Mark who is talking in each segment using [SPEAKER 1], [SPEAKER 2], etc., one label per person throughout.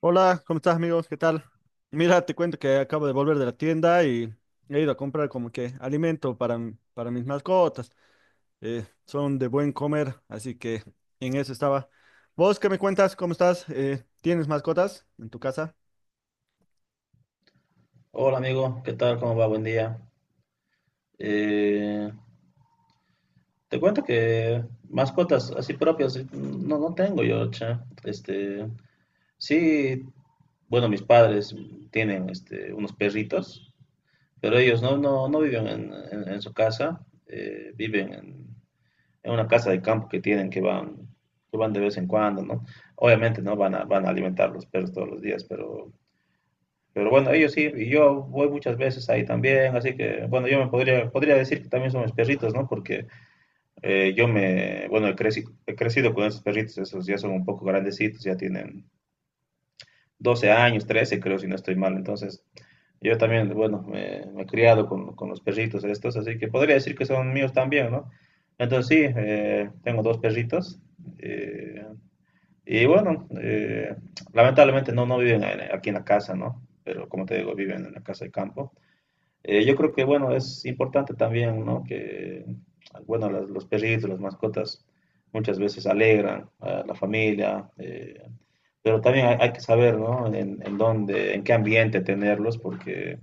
[SPEAKER 1] Hola, ¿cómo estás, amigos? ¿Qué tal? Mira, te cuento que acabo de volver de la tienda y he ido a comprar como que alimento para, para mis mascotas. Son de buen comer, así que en eso estaba. ¿Vos qué me cuentas? ¿Cómo estás? ¿Tienes mascotas en tu casa?
[SPEAKER 2] Hola amigo, ¿qué tal? ¿Cómo va? Buen día. Eh, Te cuento que mascotas así propias no, no tengo yo, che. Este, sí, bueno, mis padres tienen este, unos perritos, pero ellos no, no, no viven en, su casa, viven en una casa de campo que tienen que van, de vez en cuando, ¿no? Obviamente no van a alimentar los perros todos los días, pero bueno, ellos sí, y yo voy muchas veces ahí también, así que bueno, yo me podría decir que también son mis perritos, ¿no? Porque bueno, he crecido con esos perritos, esos ya son un poco grandecitos, ya tienen 12 años, 13 creo, si no estoy mal. Entonces, yo también, bueno, me he criado con los perritos estos, así que podría decir que son míos también, ¿no? Entonces sí, tengo dos perritos. eh, y bueno, lamentablemente no, no viven aquí en la casa, ¿no? Pero como te digo, viven en la casa de campo. Yo creo que, bueno, es importante también, ¿no? Que, bueno, los perritos, las mascotas, muchas veces alegran a la familia, pero también hay, que saber, ¿no? En dónde, en qué ambiente tenerlos, porque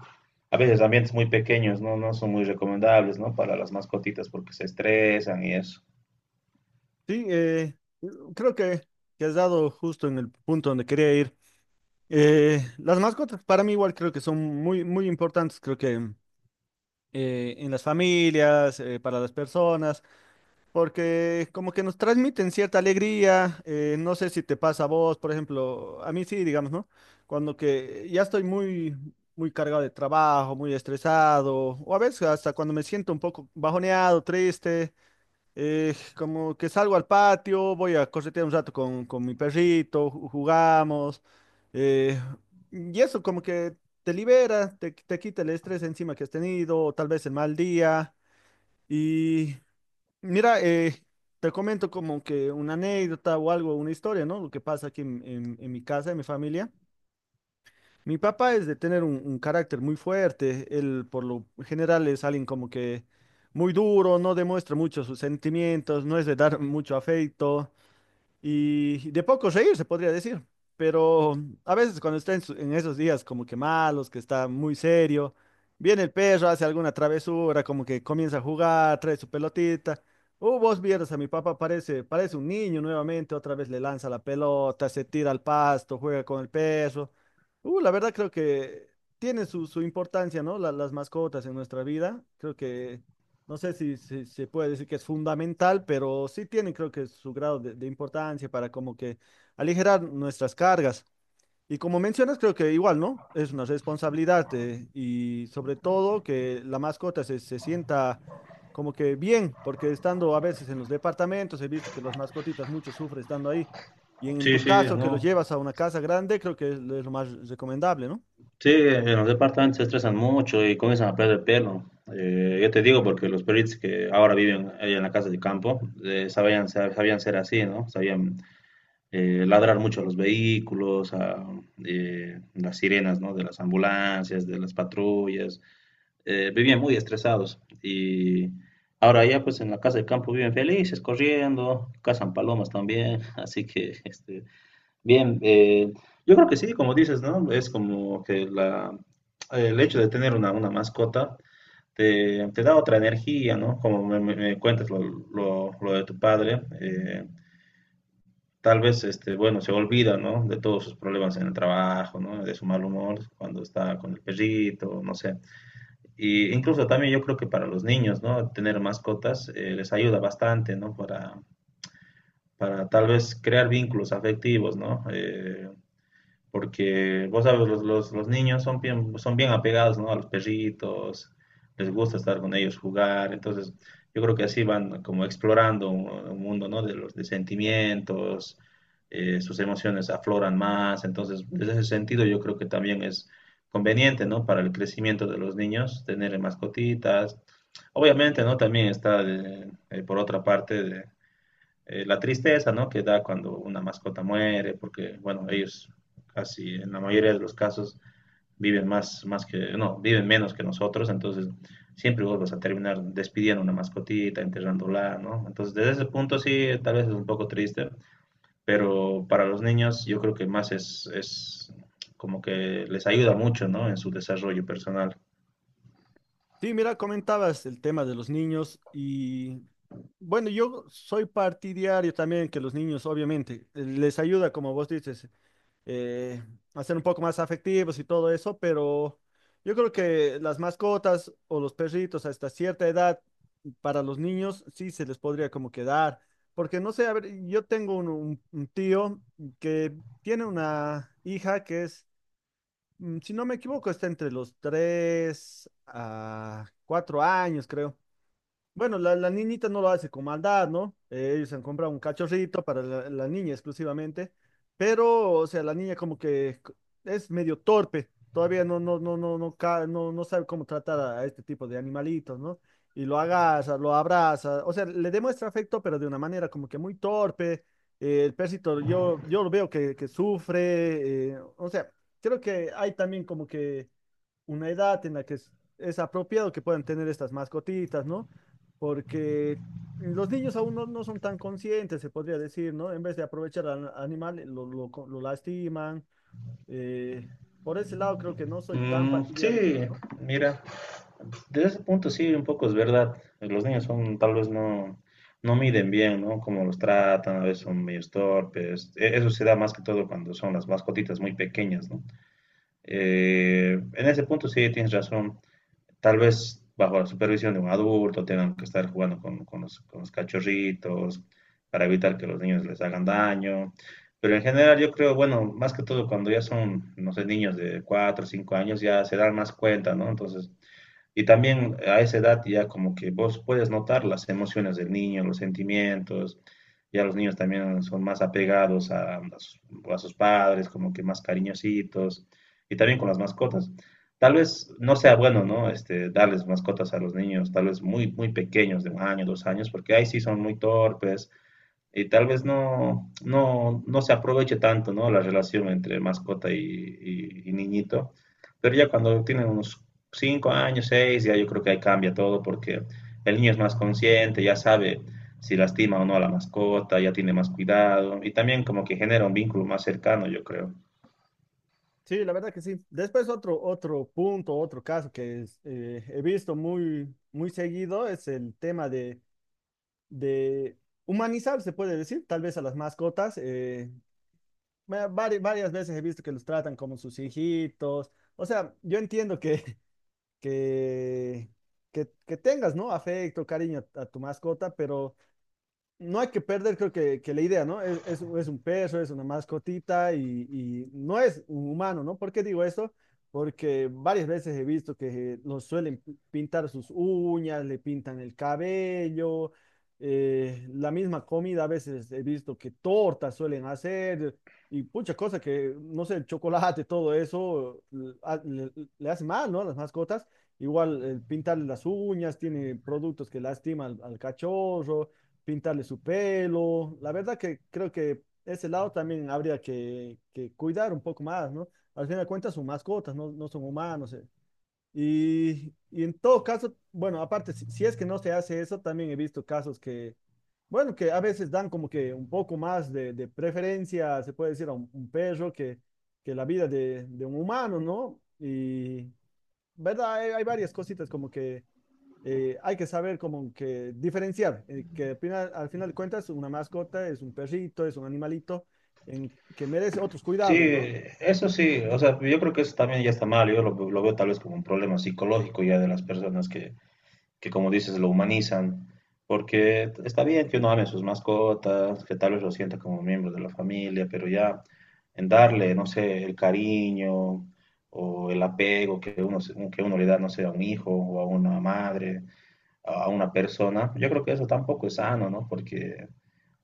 [SPEAKER 2] a veces ambientes muy pequeños, ¿no? No son muy recomendables, ¿no? Para las mascotitas porque se estresan y eso.
[SPEAKER 1] Sí, creo que has dado justo en el punto donde quería ir. Las mascotas para mí igual creo que son muy, muy importantes, creo que en las familias, para las personas. Porque como que nos transmiten cierta alegría, no sé si te pasa a vos, por ejemplo, a mí sí, digamos, ¿no? Cuando que ya estoy muy, muy cargado de trabajo, muy estresado, o a veces hasta cuando me siento un poco bajoneado, triste, como que salgo al patio, voy a corretear un rato con mi perrito, jugamos, eh, y eso como que te libera, te quita el estrés encima que has tenido, o tal vez el mal día. Y mira, te comento como que una anécdota o algo, una historia, ¿no? Lo que pasa aquí en, en mi casa, en mi familia. Mi papá es de tener un carácter muy fuerte. Él, por lo general, es alguien como que muy duro, no demuestra mucho sus sentimientos, no es de dar mucho afecto y de poco reír, se podría decir. Pero a veces cuando está en, en esos días como que malos, que está muy serio, viene el perro, hace alguna travesura, como que comienza a jugar, trae su pelotita. Vos vieras a mi papá, parece, parece un niño nuevamente, otra vez le lanza la pelota, se tira al pasto, juega con el perro. La verdad creo que tiene su, su importancia, ¿no? Las mascotas en nuestra vida. Creo que no sé si, si se puede decir que es fundamental, pero sí tiene creo que su grado de importancia para como que aligerar nuestras cargas. Y como mencionas, creo que igual, ¿no? Es una responsabilidad, y sobre todo que la mascota se, se sienta como que bien, porque estando a veces en los departamentos, he visto que las mascotitas mucho sufren estando ahí. Y en
[SPEAKER 2] Sí,
[SPEAKER 1] tu
[SPEAKER 2] sí,
[SPEAKER 1] caso, que
[SPEAKER 2] no.
[SPEAKER 1] los llevas a una casa grande, creo que es lo más recomendable, ¿no?
[SPEAKER 2] Sí, en los departamentos se estresan mucho y comienzan a perder pelo. Yo te digo porque los perritos que ahora viven ahí en la casa de campo sabían ser así, ¿no? Sabían ladrar mucho a los vehículos, a las sirenas, ¿no? De las ambulancias, de las patrullas. Vivían muy estresados y ahora ya pues en la casa de campo viven felices, corriendo, cazan palomas también, así que este, bien, yo creo que sí, como dices, ¿no? Es como que el hecho de tener una, mascota te da otra energía, ¿no? Como me, me cuentas lo, lo de tu padre, tal vez, este, bueno, se olvida, ¿no? De todos sus problemas en el trabajo, ¿no? De su mal humor cuando está con el perrito, no sé. Y incluso también yo creo que para los niños, ¿no? Tener mascotas les ayuda bastante, ¿no? Para, tal vez crear vínculos afectivos, ¿no? Porque vos sabes, los niños son bien apegados, ¿no? a los perritos, les gusta estar con ellos, jugar, entonces yo creo que así van como explorando un mundo, ¿no? de los de sentimientos, sus emociones afloran más, entonces desde ese sentido yo creo que también es conveniente, ¿no? para el crecimiento de los niños tener mascotitas. Obviamente, ¿no? también está por otra parte de la tristeza, ¿no? Que da cuando una mascota muere, porque, bueno, ellos casi en la mayoría de los casos viven más que, no, viven menos que nosotros, entonces siempre vos vas a terminar despidiendo una mascotita, enterrándola, ¿no? Entonces, desde ese punto sí, tal vez es un poco triste, pero para los niños yo creo que más es como que les ayuda mucho, ¿no? En su desarrollo personal.
[SPEAKER 1] Sí, mira, comentabas el tema de los niños y bueno, yo soy partidario también que los niños, obviamente, les ayuda, como vos dices, eh, a ser un poco más afectivos y todo eso, pero yo creo que las mascotas o los perritos hasta cierta edad para los niños sí se les podría como quedar, porque no sé, a ver, yo tengo un, un tío que tiene una hija que es si no me equivoco, está entre los 3 a 4 años, creo. Bueno, la niñita no lo hace con maldad, ¿no? Ellos han comprado un cachorrito para la, la niña exclusivamente, pero, o sea, la niña como que es medio torpe, todavía no, no, no, no, no, no, no sabe cómo tratar a este tipo de animalitos, ¿no? Y lo agarra, lo abraza, o sea, le demuestra afecto, pero de una manera como que muy torpe. El perrito, yo lo veo que sufre, o sea, creo que hay también como que una edad en la que es apropiado que puedan tener estas mascotitas, ¿no? Porque los niños aún no, no son tan conscientes, se podría decir, ¿no? En vez de aprovechar al animal, lo lastiman. eh, por ese lado creo que no soy tan
[SPEAKER 2] Mm,
[SPEAKER 1] partidario,
[SPEAKER 2] sí,
[SPEAKER 1] creo, ¿no?
[SPEAKER 2] mira, desde ese punto sí, un poco es verdad. Los niños son, tal vez no, no miden bien, ¿no? Cómo los tratan, a veces son medio torpes. Eso se da más que todo cuando son las mascotitas muy pequeñas, ¿no? En ese punto sí, tienes razón, tal vez bajo la supervisión de un adulto tengan que estar jugando con, con los cachorritos para evitar que los niños les hagan daño. Pero en general yo creo, bueno, más que todo cuando ya son, no sé, niños de 4 o 5 años ya se dan más cuenta, ¿no? Entonces y también a esa edad ya como que vos puedes notar las emociones del niño, los sentimientos, ya los niños también son más apegados a sus padres, como que más cariñositos, y también con las mascotas. Tal vez no sea bueno, ¿no? Este, darles mascotas a los niños, tal vez muy, muy pequeños, de 1 año, 2 años, porque ahí sí son muy torpes, y tal vez no, no, no se aproveche tanto, ¿no? La relación entre mascota y, y niñito. Pero ya cuando tienen unos 5 años, 6, ya yo creo que ahí cambia todo porque el niño es más consciente, ya sabe si lastima o no a la mascota, ya tiene más cuidado y también como que genera un vínculo más cercano, yo creo.
[SPEAKER 1] Sí, la verdad que sí. Después otro, otro punto, otro caso que es, he visto muy, muy seguido es el tema de humanizar, se puede decir, tal vez a las mascotas. Varias, veces he visto que los tratan como sus hijitos. O sea, yo entiendo que, que, que tengas, ¿no? Afecto, cariño a tu mascota, pero no hay que perder, creo que la idea, ¿no? Es un perro, es una mascotita y no es un humano, ¿no? ¿Por qué digo esto? Porque varias veces he visto que los suelen pintar sus uñas, le pintan el cabello, la misma comida a veces he visto que tortas suelen hacer y muchas cosas que, no sé, el chocolate, todo eso, le, le hace mal, ¿no? A las mascotas. Igual, pintarle las uñas tiene productos que lastiman al al cachorro pintarle su pelo. La verdad que creo que ese lado también habría que cuidar un poco más, ¿no? Al fin de cuentas son mascotas, no, no son humanos. Y en todo caso, bueno, aparte, si, si es que no se hace eso, también he visto casos que, bueno, que a veces dan como que un poco más de preferencia, se puede decir, a un perro que la vida de un humano, ¿no? Y, ¿verdad? Hay varias cositas como que hay que saber como que diferenciar, que al final de cuentas una mascota es un perrito, es un animalito en, que merece otros
[SPEAKER 2] Sí,
[SPEAKER 1] cuidados, ¿no?
[SPEAKER 2] eso sí, o sea, yo creo que eso también ya está mal, yo lo veo tal vez como un problema psicológico ya de las personas que como dices lo humanizan, porque está bien que uno ame a sus mascotas, que tal vez lo sienta como miembro de la familia, pero ya en darle, no sé, el cariño o el apego que uno, que uno le da, no sé, a un hijo o a una madre, a una persona, yo creo que eso tampoco es sano, ¿no? Porque,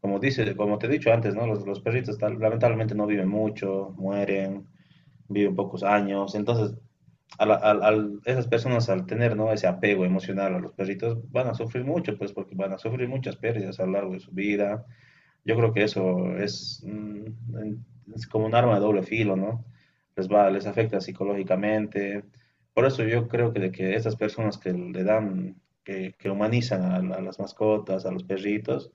[SPEAKER 2] como dice, como te he dicho antes, ¿no? Los perritos lamentablemente no viven mucho, mueren, viven pocos años, entonces a, la- al- al- esas personas al tener, ¿no? ese apego emocional a los perritos van a sufrir mucho, pues porque van a sufrir muchas pérdidas a lo largo de su vida. Yo creo que eso es, es como un arma de doble filo, ¿no? Les afecta psicológicamente. Por eso yo creo que de que estas personas que le dan, que humanizan a las mascotas, a los perritos,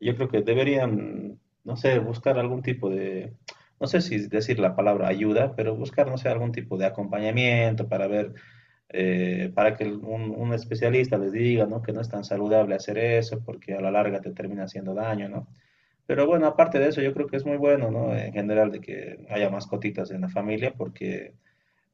[SPEAKER 2] yo creo que deberían, no sé, buscar algún tipo de, no sé si decir la palabra ayuda, pero buscar, no sé, algún tipo de acompañamiento para ver para que un especialista les diga, ¿no? Que no es tan saludable hacer eso porque a la larga te termina haciendo daño, ¿no? Pero bueno, aparte de eso, yo creo que es muy bueno, ¿no? En general, de que haya mascotitas en la familia porque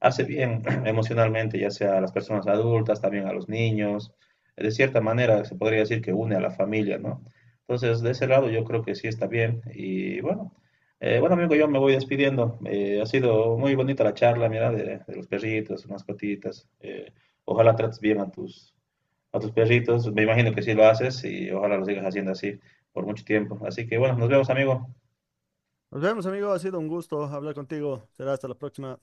[SPEAKER 2] hace bien emocionalmente, ya sea a las personas adultas, también a los niños. De cierta manera se podría decir que une a la familia, ¿no? Entonces, de ese lado yo creo que sí está bien. Y bueno, bueno amigo, yo me voy despidiendo. Ha sido muy bonita la charla, mira, de, los perritos, mascotitas. Ojalá trates bien a tus perritos. Me imagino que sí lo haces y ojalá lo sigas haciendo así por mucho tiempo. Así que bueno, nos vemos, amigo.
[SPEAKER 1] Nos vemos, amigo. Ha sido un gusto hablar contigo. Será hasta la próxima.